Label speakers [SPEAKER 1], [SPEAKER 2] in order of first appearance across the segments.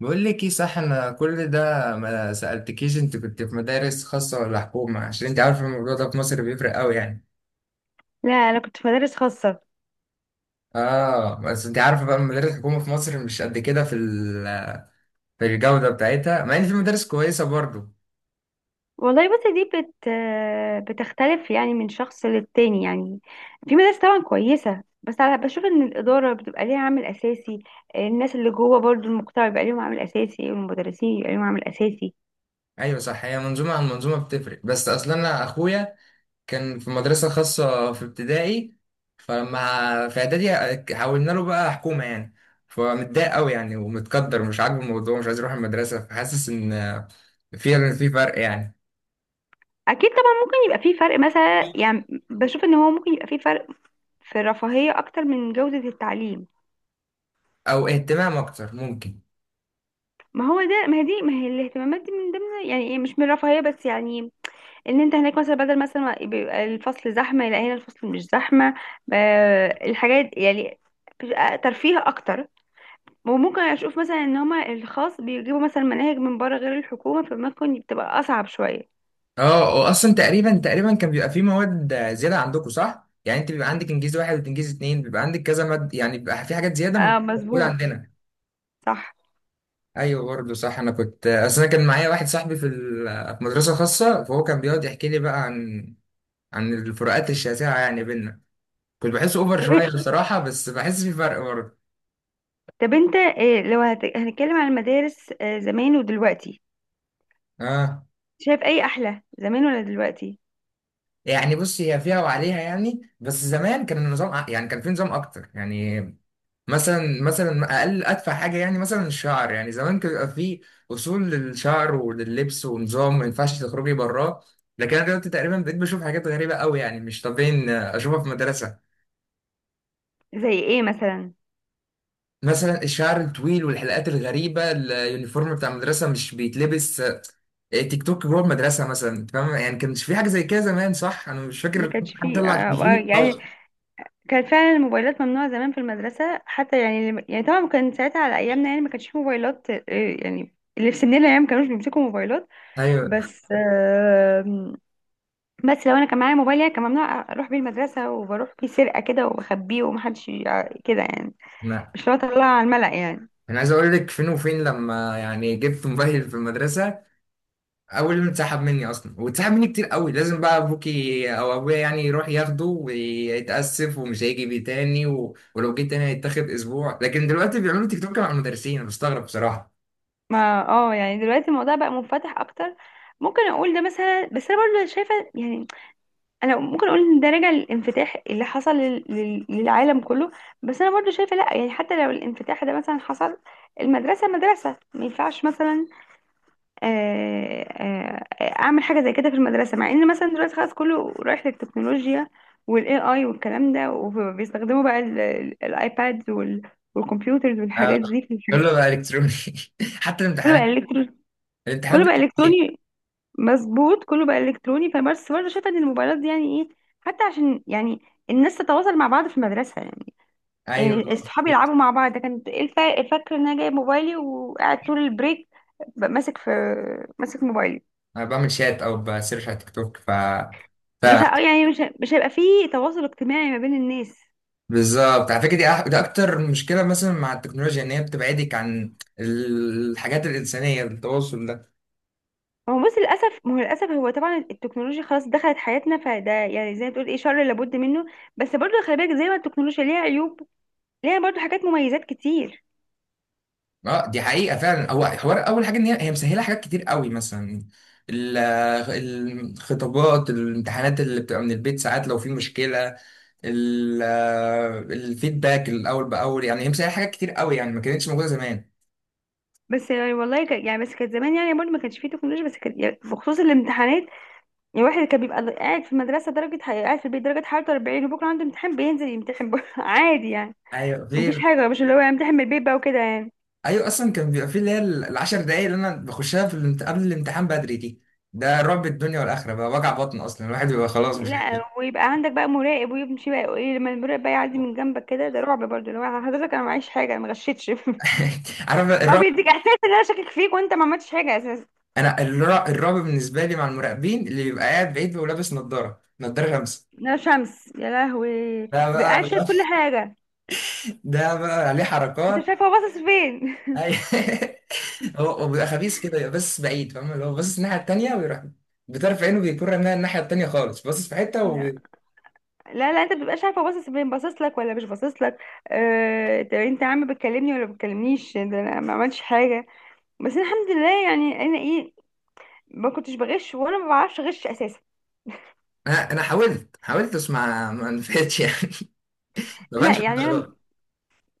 [SPEAKER 1] بقول لك ايه، صح. انا كل ده ما سألتكيش، انت كنت في مدارس خاصة ولا حكومة؟ عشان انت عارفة الموضوع ده في مصر بيفرق قوي يعني.
[SPEAKER 2] لا، انا كنت في مدارس خاصه.
[SPEAKER 1] اه بس انت عارفة بقى، المدارس الحكومة في مصر مش قد كده في الجودة بتاعتها، مع ان في مدارس كويسة برضو.
[SPEAKER 2] والله بس دي بتختلف يعني من شخص للتاني يعني. في مدارس طبعا كويسه، بس انا بشوف ان الاداره بتبقى ليها عامل اساسي. الناس اللي جوه برضو المقطع بيبقى ليهم عامل اساسي، والمدرسين يبقى ليهم عامل اساسي.
[SPEAKER 1] ايوه صح، هي منظومة عن منظومة بتفرق. بس اصلا انا اخويا كان في مدرسة خاصة في ابتدائي، فلما في إعدادي حولنا له بقى حكومة يعني، فمتضايق قوي يعني ومتقدر، مش عاجبه الموضوع، مش عايز يروح المدرسة، فحاسس إن في فرق يعني.
[SPEAKER 2] اكيد طبعا ممكن يبقى في فرق مثلا، يعني بشوف ان هو ممكن يبقى في فرق في الرفاهيه اكتر من جوده التعليم.
[SPEAKER 1] أو اهتمام أكتر ممكن.
[SPEAKER 2] ما هي الاهتمامات دي من ضمن يعني إيه، مش من الرفاهيه بس يعني. ان انت هناك مثلا بدل مثلا ما بيبقى الفصل زحمه، لا هنا الفصل مش زحمه. ب- الحاجات يعني بتبقى ترفيه اكتر. وممكن اشوف مثلا ان هما الخاص بيجيبوا مثلا مناهج من بره غير الحكومه، فممكن بتبقى اصعب شويه.
[SPEAKER 1] اه وأصلا تقريبا كان بيبقى في مواد زيادة عندكم صح؟ يعني أنت بيبقى عندك إنجليزي واحد وإنجليزي اتنين، بيبقى عندك كذا مادة يعني، بيبقى في حاجات زيادة مش
[SPEAKER 2] اه،
[SPEAKER 1] موجودة
[SPEAKER 2] مظبوط.
[SPEAKER 1] عندنا.
[SPEAKER 2] صح.
[SPEAKER 1] ايوه برضه صح، انا كنت اصل انا كان معايا واحد صاحبي في مدرسه خاصه، فهو كان بيقعد يحكي لي بقى عن الفروقات الشاسعة يعني بينا، كنت بحس اوفر شوية
[SPEAKER 2] طب,
[SPEAKER 1] بصراحة، بس بحس في فرق برضه.
[SPEAKER 2] طب، انت إيه لو هنتكلم عن المدارس زمان ودلوقتي؟
[SPEAKER 1] اه
[SPEAKER 2] شايف اي احلى، زمان ولا دلوقتي؟
[SPEAKER 1] يعني بص، هي فيها وعليها يعني، بس زمان كان يعني كان في نظام اكتر يعني. مثلا اقل ادفع حاجة يعني، مثلا الشعر يعني زمان كان بيبقى في اصول للشعر ولللبس ونظام ما ينفعش تخرجي براه. لكن انا دلوقتي تقريبا بقيت بشوف حاجات غريبة قوي يعني، مش طبيعي إن اشوفها في مدرسة.
[SPEAKER 2] زي ايه مثلا؟
[SPEAKER 1] مثلا الشعر الطويل والحلقات الغريبة، اليونيفورم بتاع المدرسة مش بيتلبس، تيك توك جوه المدرسه مثلا، أنت فاهم يعني. كانش في حاجه زي كده زمان صح؟ انا مش
[SPEAKER 2] ما
[SPEAKER 1] فاكر
[SPEAKER 2] كانش
[SPEAKER 1] حد
[SPEAKER 2] فيه
[SPEAKER 1] طلع التليفون
[SPEAKER 2] يعني.
[SPEAKER 1] يتصور.
[SPEAKER 2] كانت فعلا الموبايلات ممنوعة زمان في المدرسة حتى، يعني يعني طبعا كان ساعتها على أيامنا، يعني ما كانش فيه موبايلات. يعني اللي في سننا يعني ما كانوش بيمسكوا موبايلات.
[SPEAKER 1] ايوه،
[SPEAKER 2] بس آم، بس لو أنا كان معايا موبايل يعني كان ممنوع أروح بيه المدرسة، وبروح بيه سرقة كده وبخبيه ومحدش كده يعني.
[SPEAKER 1] لا
[SPEAKER 2] مش لو أطلع على الملأ يعني.
[SPEAKER 1] انا عايز اقول لك فين وفين، لما يعني جبت موبايل في المدرسه اول يوم اتسحب مني اصلا، واتسحب مني كتير قوي، لازم بقى ابوكي او ابويا يعني يروح ياخده ويتاسف ومش هيجي بيه تاني، و... ولو جه تاني هيتاخد اسبوع. لكن دلوقتي بيعملوا تيك توك مع المدرسين، انا بستغرب بصراحه.
[SPEAKER 2] ما يعني دلوقتي الموضوع بقى منفتح أكتر. ممكن أقول ده مثلا، بس أنا برضه شايفة يعني. انا ممكن اقول ان ده راجع للانفتاح اللي حصل للعالم كله. بس انا برضو شايفه لا، يعني حتى لو الانفتاح ده مثلا حصل، المدرسه مدرسه ما ينفعش مثلا اعمل حاجه زي كده في المدرسه، مع ان مثلا دلوقتي خلاص كله رايح للتكنولوجيا والاي اي والكلام ده، وبيستخدموا بقى الايباد والكمبيوترز
[SPEAKER 1] آه،
[SPEAKER 2] والحاجات دي في الحاجات.
[SPEAKER 1] كله بقى الكتروني، حتى
[SPEAKER 2] كله بقى
[SPEAKER 1] الامتحانات،
[SPEAKER 2] الكتروني. كله
[SPEAKER 1] الامتحانات
[SPEAKER 2] بقى
[SPEAKER 1] بتبقى fake.
[SPEAKER 2] الكتروني. مظبوط، كله بقى الكتروني. فبس برضه شايفه ان الموبايلات دي يعني ايه، حتى عشان يعني الناس تتواصل مع بعض في المدرسه يعني. يعني
[SPEAKER 1] ايوه،
[SPEAKER 2] الصحاب يلعبوا مع بعض، ده كانت ايه، فاكره ان انا جايب موبايلي وقاعد طول البريك ب- ماسك في ماسك موبايلي.
[SPEAKER 1] انا بعمل شات او بسيرش على تيك توك ف ف-
[SPEAKER 2] مش
[SPEAKER 1] اه
[SPEAKER 2] ه- يعني مش ه- مش هيبقى فيه تواصل اجتماعي ما بين الناس.
[SPEAKER 1] بالظبط، على فكره دي ده اكتر مشكله مثلا مع التكنولوجيا، ان هي بتبعدك عن الحاجات الانسانيه، التواصل ده.
[SPEAKER 2] هو بص للاسف، ما هو للاسف هو طبعا التكنولوجيا خلاص دخلت حياتنا، فده يعني زي ما تقول ايه، شر لابد منه. بس برضه خلي بالك، زي ما التكنولوجيا ليها عيوب، ليها برضه حاجات مميزات كتير.
[SPEAKER 1] اه دي حقيقه فعلا، هو حوار اول حاجه ان هي مسهله حاجات كتير قوي، مثلا ال- الخطابات، الامتحانات اللي بتبقى من البيت ساعات لو في مشكله، ال- الفيدباك الاول باول، يعني هي مسهله حاجات كتير قوي يعني، ما كانتش موجوده زمان.
[SPEAKER 2] بس يعني والله يعني بس كانت زمان يعني برضه ما كانش فيه تكنولوجيا، بس كانت يعني بخصوص الامتحانات. يعني الواحد كان بيبقى قاعد في المدرسة قاعد في البيت درجة حرارة 40، وبكرة عنده امتحان بينزل يمتحن بره عادي يعني.
[SPEAKER 1] ايوه
[SPEAKER 2] مفيش
[SPEAKER 1] غير.
[SPEAKER 2] حاجة مش اللي هو يمتحن من البيت بقى وكده يعني.
[SPEAKER 1] ايوه اصلا كان بيبقى فيه اللي هي العشر دقايق اللي انا بخشها قبل الامتحان بدري دي، ده رعب الدنيا والاخره بقى، وجع بطن اصلا، الواحد بيبقى خلاص مش
[SPEAKER 2] لا، ويبقى عندك بقى مراقب ويمشي بقى ايه، لما المراقب بقى يعدي من جنبك كده ده رعب برضه، لو حضرتك انا معيش حاجة انا ما غشيتش
[SPEAKER 1] عارف
[SPEAKER 2] او
[SPEAKER 1] الرعب.
[SPEAKER 2] بيديك احساس ان انا شاكك فيك وانت ما عملتش حاجة اساسا.
[SPEAKER 1] انا الرعب بالنسبه لي مع المراقبين اللي بيبقى قاعد بعيد ولابس نظاره شمس،
[SPEAKER 2] لا، شمس يا لهوي!
[SPEAKER 1] ده
[SPEAKER 2] بقى
[SPEAKER 1] بقى
[SPEAKER 2] قاعد شايف كل حاجة.
[SPEAKER 1] ده بقى عليه
[SPEAKER 2] انت
[SPEAKER 1] حركات.
[SPEAKER 2] شايف هو باصص فين.
[SPEAKER 1] أي- هو بيبقى خبيث كده، يبقى بس بعيد فاهم، اللي هو باصص الناحيه التانيه ويروح بطرف عينه بيكون رميها الناحيه التانيه خالص، باصص في حته
[SPEAKER 2] لا لا، انت بتبقاش عارفه باصص فين، باصص لك ولا مش باصص لك. طب انت يا عم بتكلمني ولا بتكلمنيش، ده انا ما عملتش حاجه. بس أنا الحمد لله يعني انا ايه، ما كنتش بغش ولا ما بعرفش اغش اساسا.
[SPEAKER 1] انا حاولت بس ما نفعتش يعني، ما
[SPEAKER 2] لا
[SPEAKER 1] بانش.
[SPEAKER 2] يعني انا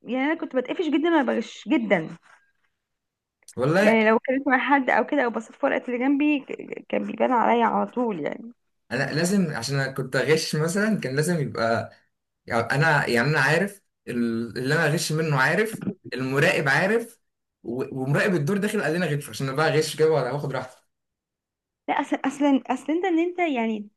[SPEAKER 2] يعني انا كنت بتقفش جدا وانا بغش جدا.
[SPEAKER 1] والله
[SPEAKER 2] يعني لو كلمت مع حد او كده او بصيت في ورقه اللي جنبي كان بيبان عليا على طول يعني.
[SPEAKER 1] انا لازم، عشان انا كنت اغش، مثلا كان لازم يبقى يعني انا عارف اللي انا اغش منه عارف، المراقب عارف، ومراقب الدور داخل قال لنا غش، عشان انا بقى اغش كده ولا واخد راحتي.
[SPEAKER 2] لا اصلا اصلا اصلا انت انت يعني،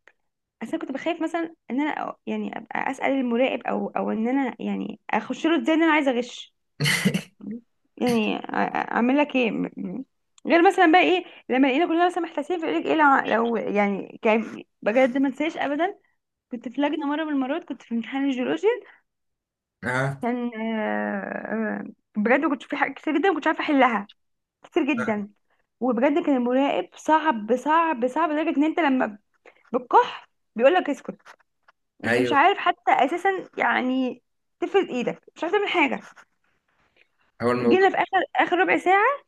[SPEAKER 2] اصلا كنت بخاف مثلا ان انا يعني ابقى اسال المراقب او ان انا يعني اخش له ازاي ان انا عايزه اغش. يعني اعمل لك ايه غير مثلا بقى ايه، لما الاقينا كلنا مثلا محتاسين في ايه لو يعني كان بجد ما انساش ابدا. كنت في لجنه مره من المرات، كنت في امتحان الجيولوجيا.
[SPEAKER 1] اه،
[SPEAKER 2] كان بجد كنت في حاجات كتير جدا ما كنتش عارفه احلها، كتير جدا. وبجد كان المراقب صعب صعب صعب لدرجه ان انت لما بتكح بيقول لك اسكت. انت مش
[SPEAKER 1] ايوه
[SPEAKER 2] عارف حتى اساسا يعني تفرد ايدك، مش عارف تعمل حاجه.
[SPEAKER 1] هو الموضوع.
[SPEAKER 2] جينا في اخر اخر ربع ساعه،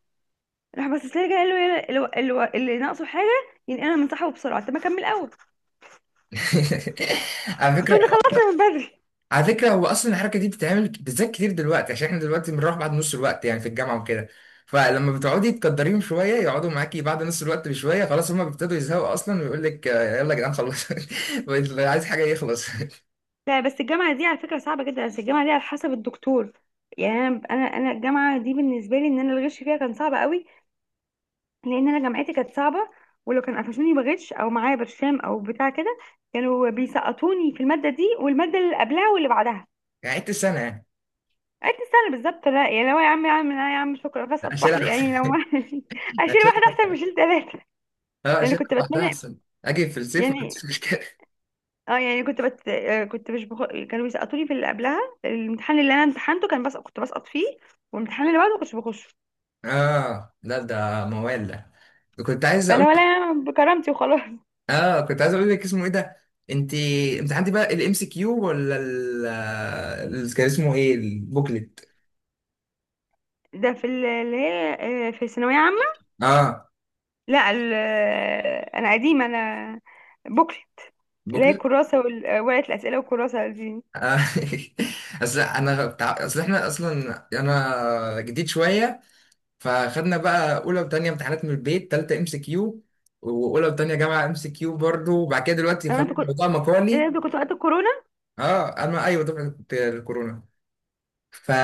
[SPEAKER 2] راح باصص لي كده قال له اللي ناقصه حاجه ينقلها من صاحبه بسرعه، طب ما اكمل اول.
[SPEAKER 1] على فكره
[SPEAKER 2] كنا خلصنا من بدري.
[SPEAKER 1] على فكرة، هو أصلا الحركة دي بتتعمل بالذات كتير دلوقتي، عشان احنا دلوقتي بنروح بعد نص الوقت يعني في الجامعة وكده، فلما بتقعدي تقدريهم شوية يقعدوا معاكي بعد نص الوقت بشوية، خلاص هما بيبتدوا يزهقوا أصلا، ويقول لك آه، يلا يا جدعان خلص. بقيت عايز حاجة يخلص.
[SPEAKER 2] لا بس الجامعه دي على فكره صعبه جدا، بس الجامعه دي على حسب الدكتور. يعني انا الجامعه دي بالنسبه لي ان انا الغش فيها كان صعب قوي. لان انا جامعتي كانت صعبه. ولو كان قفشوني بغش او معايا برشام او بتاع كده كانوا بيسقطوني في الماده دي والماده اللي قبلها واللي بعدها.
[SPEAKER 1] يعني عدت السنة يعني؟
[SPEAKER 2] قعدت سنه بالظبط. لا يعني لو يا عم، يا عم لا يا عم شكرا بسقط في
[SPEAKER 1] أشيلها
[SPEAKER 2] واحده،
[SPEAKER 1] أحسن.
[SPEAKER 2] يعني لو ما اشيل واحده
[SPEAKER 1] أشيلها،
[SPEAKER 2] احسن ما اشيل ثلاثه،
[SPEAKER 1] أه
[SPEAKER 2] لان
[SPEAKER 1] أشيلها
[SPEAKER 2] كنت
[SPEAKER 1] لوحدها
[SPEAKER 2] بتمنى.
[SPEAKER 1] أحسن، أجي في الصيف ما
[SPEAKER 2] يعني
[SPEAKER 1] عنديش مشكلة.
[SPEAKER 2] اه يعني كنت بت... آه، كنت مش كانوا بيسقطوني في اللي قبلها. الامتحان اللي انا امتحنته كان بس كنت بسقط فيه، والامتحان اللي بعده ما كنتش بخش.
[SPEAKER 1] أه لا ده موال، ده كنت عايز أقول.
[SPEAKER 2] فلا ولا أنا بكرامتي وخلاص
[SPEAKER 1] اه كنت عايز اقول لك اسمه ايه ده، انت انت عندي بقى الام سي كيو ولا كان اسمه ايه البوكلت؟
[SPEAKER 2] ده في اللي هي في ثانويه عامه.
[SPEAKER 1] اه،
[SPEAKER 2] لا ال... آه، انا قديمه انا. بوكلت. اللي هي
[SPEAKER 1] بكل.
[SPEAKER 2] الكراسه وال... آه، ورقه الاسئله والكراسه دي.
[SPEAKER 1] آه. اصل احنا اصلا انا جديد شويه، فخدنا بقى اولى وتانية امتحانات من البيت، تالتة ام سي كيو، واولى وتانية جامعه ام سي كيو برضه، وبعد كده دلوقتي
[SPEAKER 2] انا
[SPEAKER 1] خلاص
[SPEAKER 2] انت كنت
[SPEAKER 1] الموضوع
[SPEAKER 2] إيه ده،
[SPEAKER 1] مقالي.
[SPEAKER 2] انت كنت وقت الكورونا؟
[SPEAKER 1] اه انا ايوه دفعه الكورونا،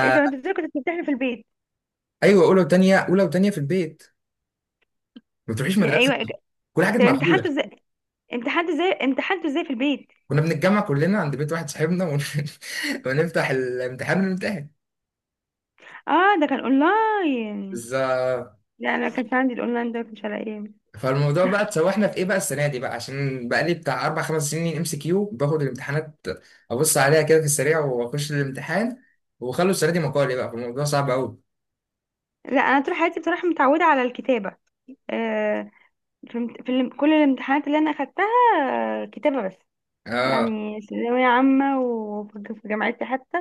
[SPEAKER 2] ايه ده انت ازاي كنت بتمتحن في البيت؟
[SPEAKER 1] ايوه. اولى وتانية في البيت، ما بتروحيش
[SPEAKER 2] يا
[SPEAKER 1] مدرسه،
[SPEAKER 2] ايوه.
[SPEAKER 1] كل حاجه كانت
[SPEAKER 2] طب
[SPEAKER 1] مقفوله.
[SPEAKER 2] امتحنته ازاي، امتحنته ازاي، امتحنته ازاي في البيت؟
[SPEAKER 1] كنا بنتجمع كلنا عند بيت واحد صاحبنا ونفتح الامتحان ونمتحن.
[SPEAKER 2] اه ده كان اونلاين؟
[SPEAKER 1] بالظبط،
[SPEAKER 2] لا انا ما كانش عندي الاونلاين ده، ما كانش على ايام.
[SPEAKER 1] فالموضوع بقى اتسوحنا في ايه بقى السنه دي بقى، عشان بقى لي بتاع اربع خمس سنين ام سي كيو باخد الامتحانات، ابص عليها كده في السريع واخش الامتحان، وخلوا السنه دي مقالي بقى، فالموضوع صعب قوي.
[SPEAKER 2] لا، انا طول حياتي بصراحه متعوده على الكتابه. آه، في كل الامتحانات اللي انا اخدتها كتابه بس.
[SPEAKER 1] اه
[SPEAKER 2] يعني ثانويه عامه وفي جامعتي حتى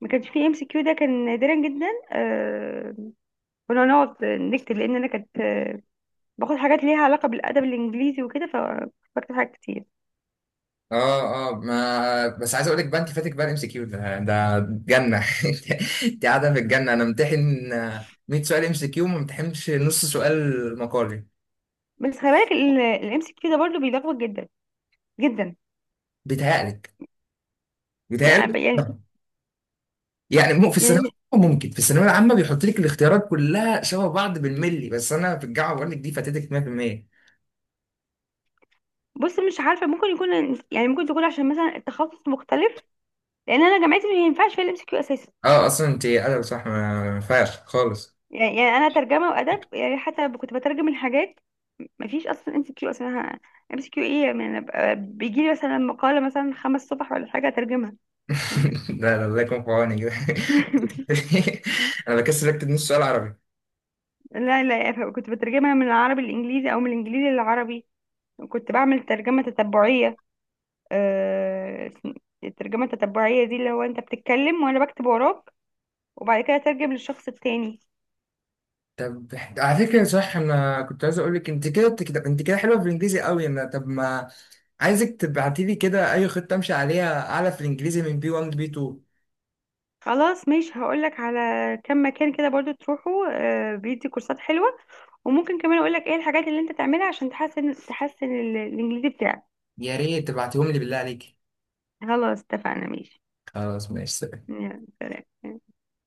[SPEAKER 2] ما كانش فيه MCQ، ده كان نادرا جدا. كنا نقعد نكتب، لان انا كنت باخد حاجات ليها علاقه بالادب الانجليزي وكده فبكتب حاجات كتير.
[SPEAKER 1] اه اه ما بس عايز اقول لك بقى انت فاتك بقى الام سي كيو ده ده جنه، انت قاعده في الجنه، انا امتحن 100 سؤال ام سي كيو ما امتحنش نص سؤال مقالي.
[SPEAKER 2] بس خلي بالك الام سي كيو ده برضه بيلخبط جدا جدا.
[SPEAKER 1] بيتهيألك
[SPEAKER 2] لا
[SPEAKER 1] بيتهيألك.
[SPEAKER 2] يعني
[SPEAKER 1] يعني مو في الثانوية
[SPEAKER 2] يعني
[SPEAKER 1] العامة، ممكن في الثانوية العامة بيحط لك الاختيارات كلها شبه بعض بالملي، بس انا في الجامعة بقول لك دي فاتتك 100%.
[SPEAKER 2] بص، مش عارفه ممكن يكون، يعني ممكن تكون عشان مثلا التخصص مختلف، لان انا جامعتي ما ينفعش فيها الام سي كيو اساسا.
[SPEAKER 1] اه اصلا انت ادب صح، ما ينفعش خالص.
[SPEAKER 2] يعني انا ترجمه وادب، يعني حتى كنت بترجم الحاجات. ما فيش اصلا MCQ اصلا. MCQ ايه يعني، أنا بيجي لي مثلا مقاله مثلا 5 صفح ولا حاجه اترجمها.
[SPEAKER 1] لا لا الله يكون في عونك. انا بكسل اكتب نص سؤال عربي.
[SPEAKER 2] لا لا، كنت بترجمها من العربي للانجليزي او من الانجليزي للعربي. كنت بعمل ترجمه تتبعيه. آه، الترجمه التتبعيه دي اللي هو انت بتتكلم وانا بكتب وراك، وبعد كده اترجم للشخص التاني.
[SPEAKER 1] طب على فكرة صح، انا كنت عايز اقول لك انت كده بتكتب، انت كده حلوة في الانجليزي قوي انا، طب ما عايزك تبعتي لي كده اي خطة امشي عليها اعلى في الانجليزي من بي 1 لبي 2.
[SPEAKER 2] خلاص ماشي، هقولك على كم مكان كده برضو تروحوا. بيدي كورسات حلوة، وممكن كمان اقولك ايه الحاجات اللي انت تعملها عشان تحسن الانجليزي بتاعك.
[SPEAKER 1] يا ريت تبعتيهم لي بالله عليك.
[SPEAKER 2] خلاص اتفقنا، ماشي.
[SPEAKER 1] خلاص ماشي.
[SPEAKER 2] يلا.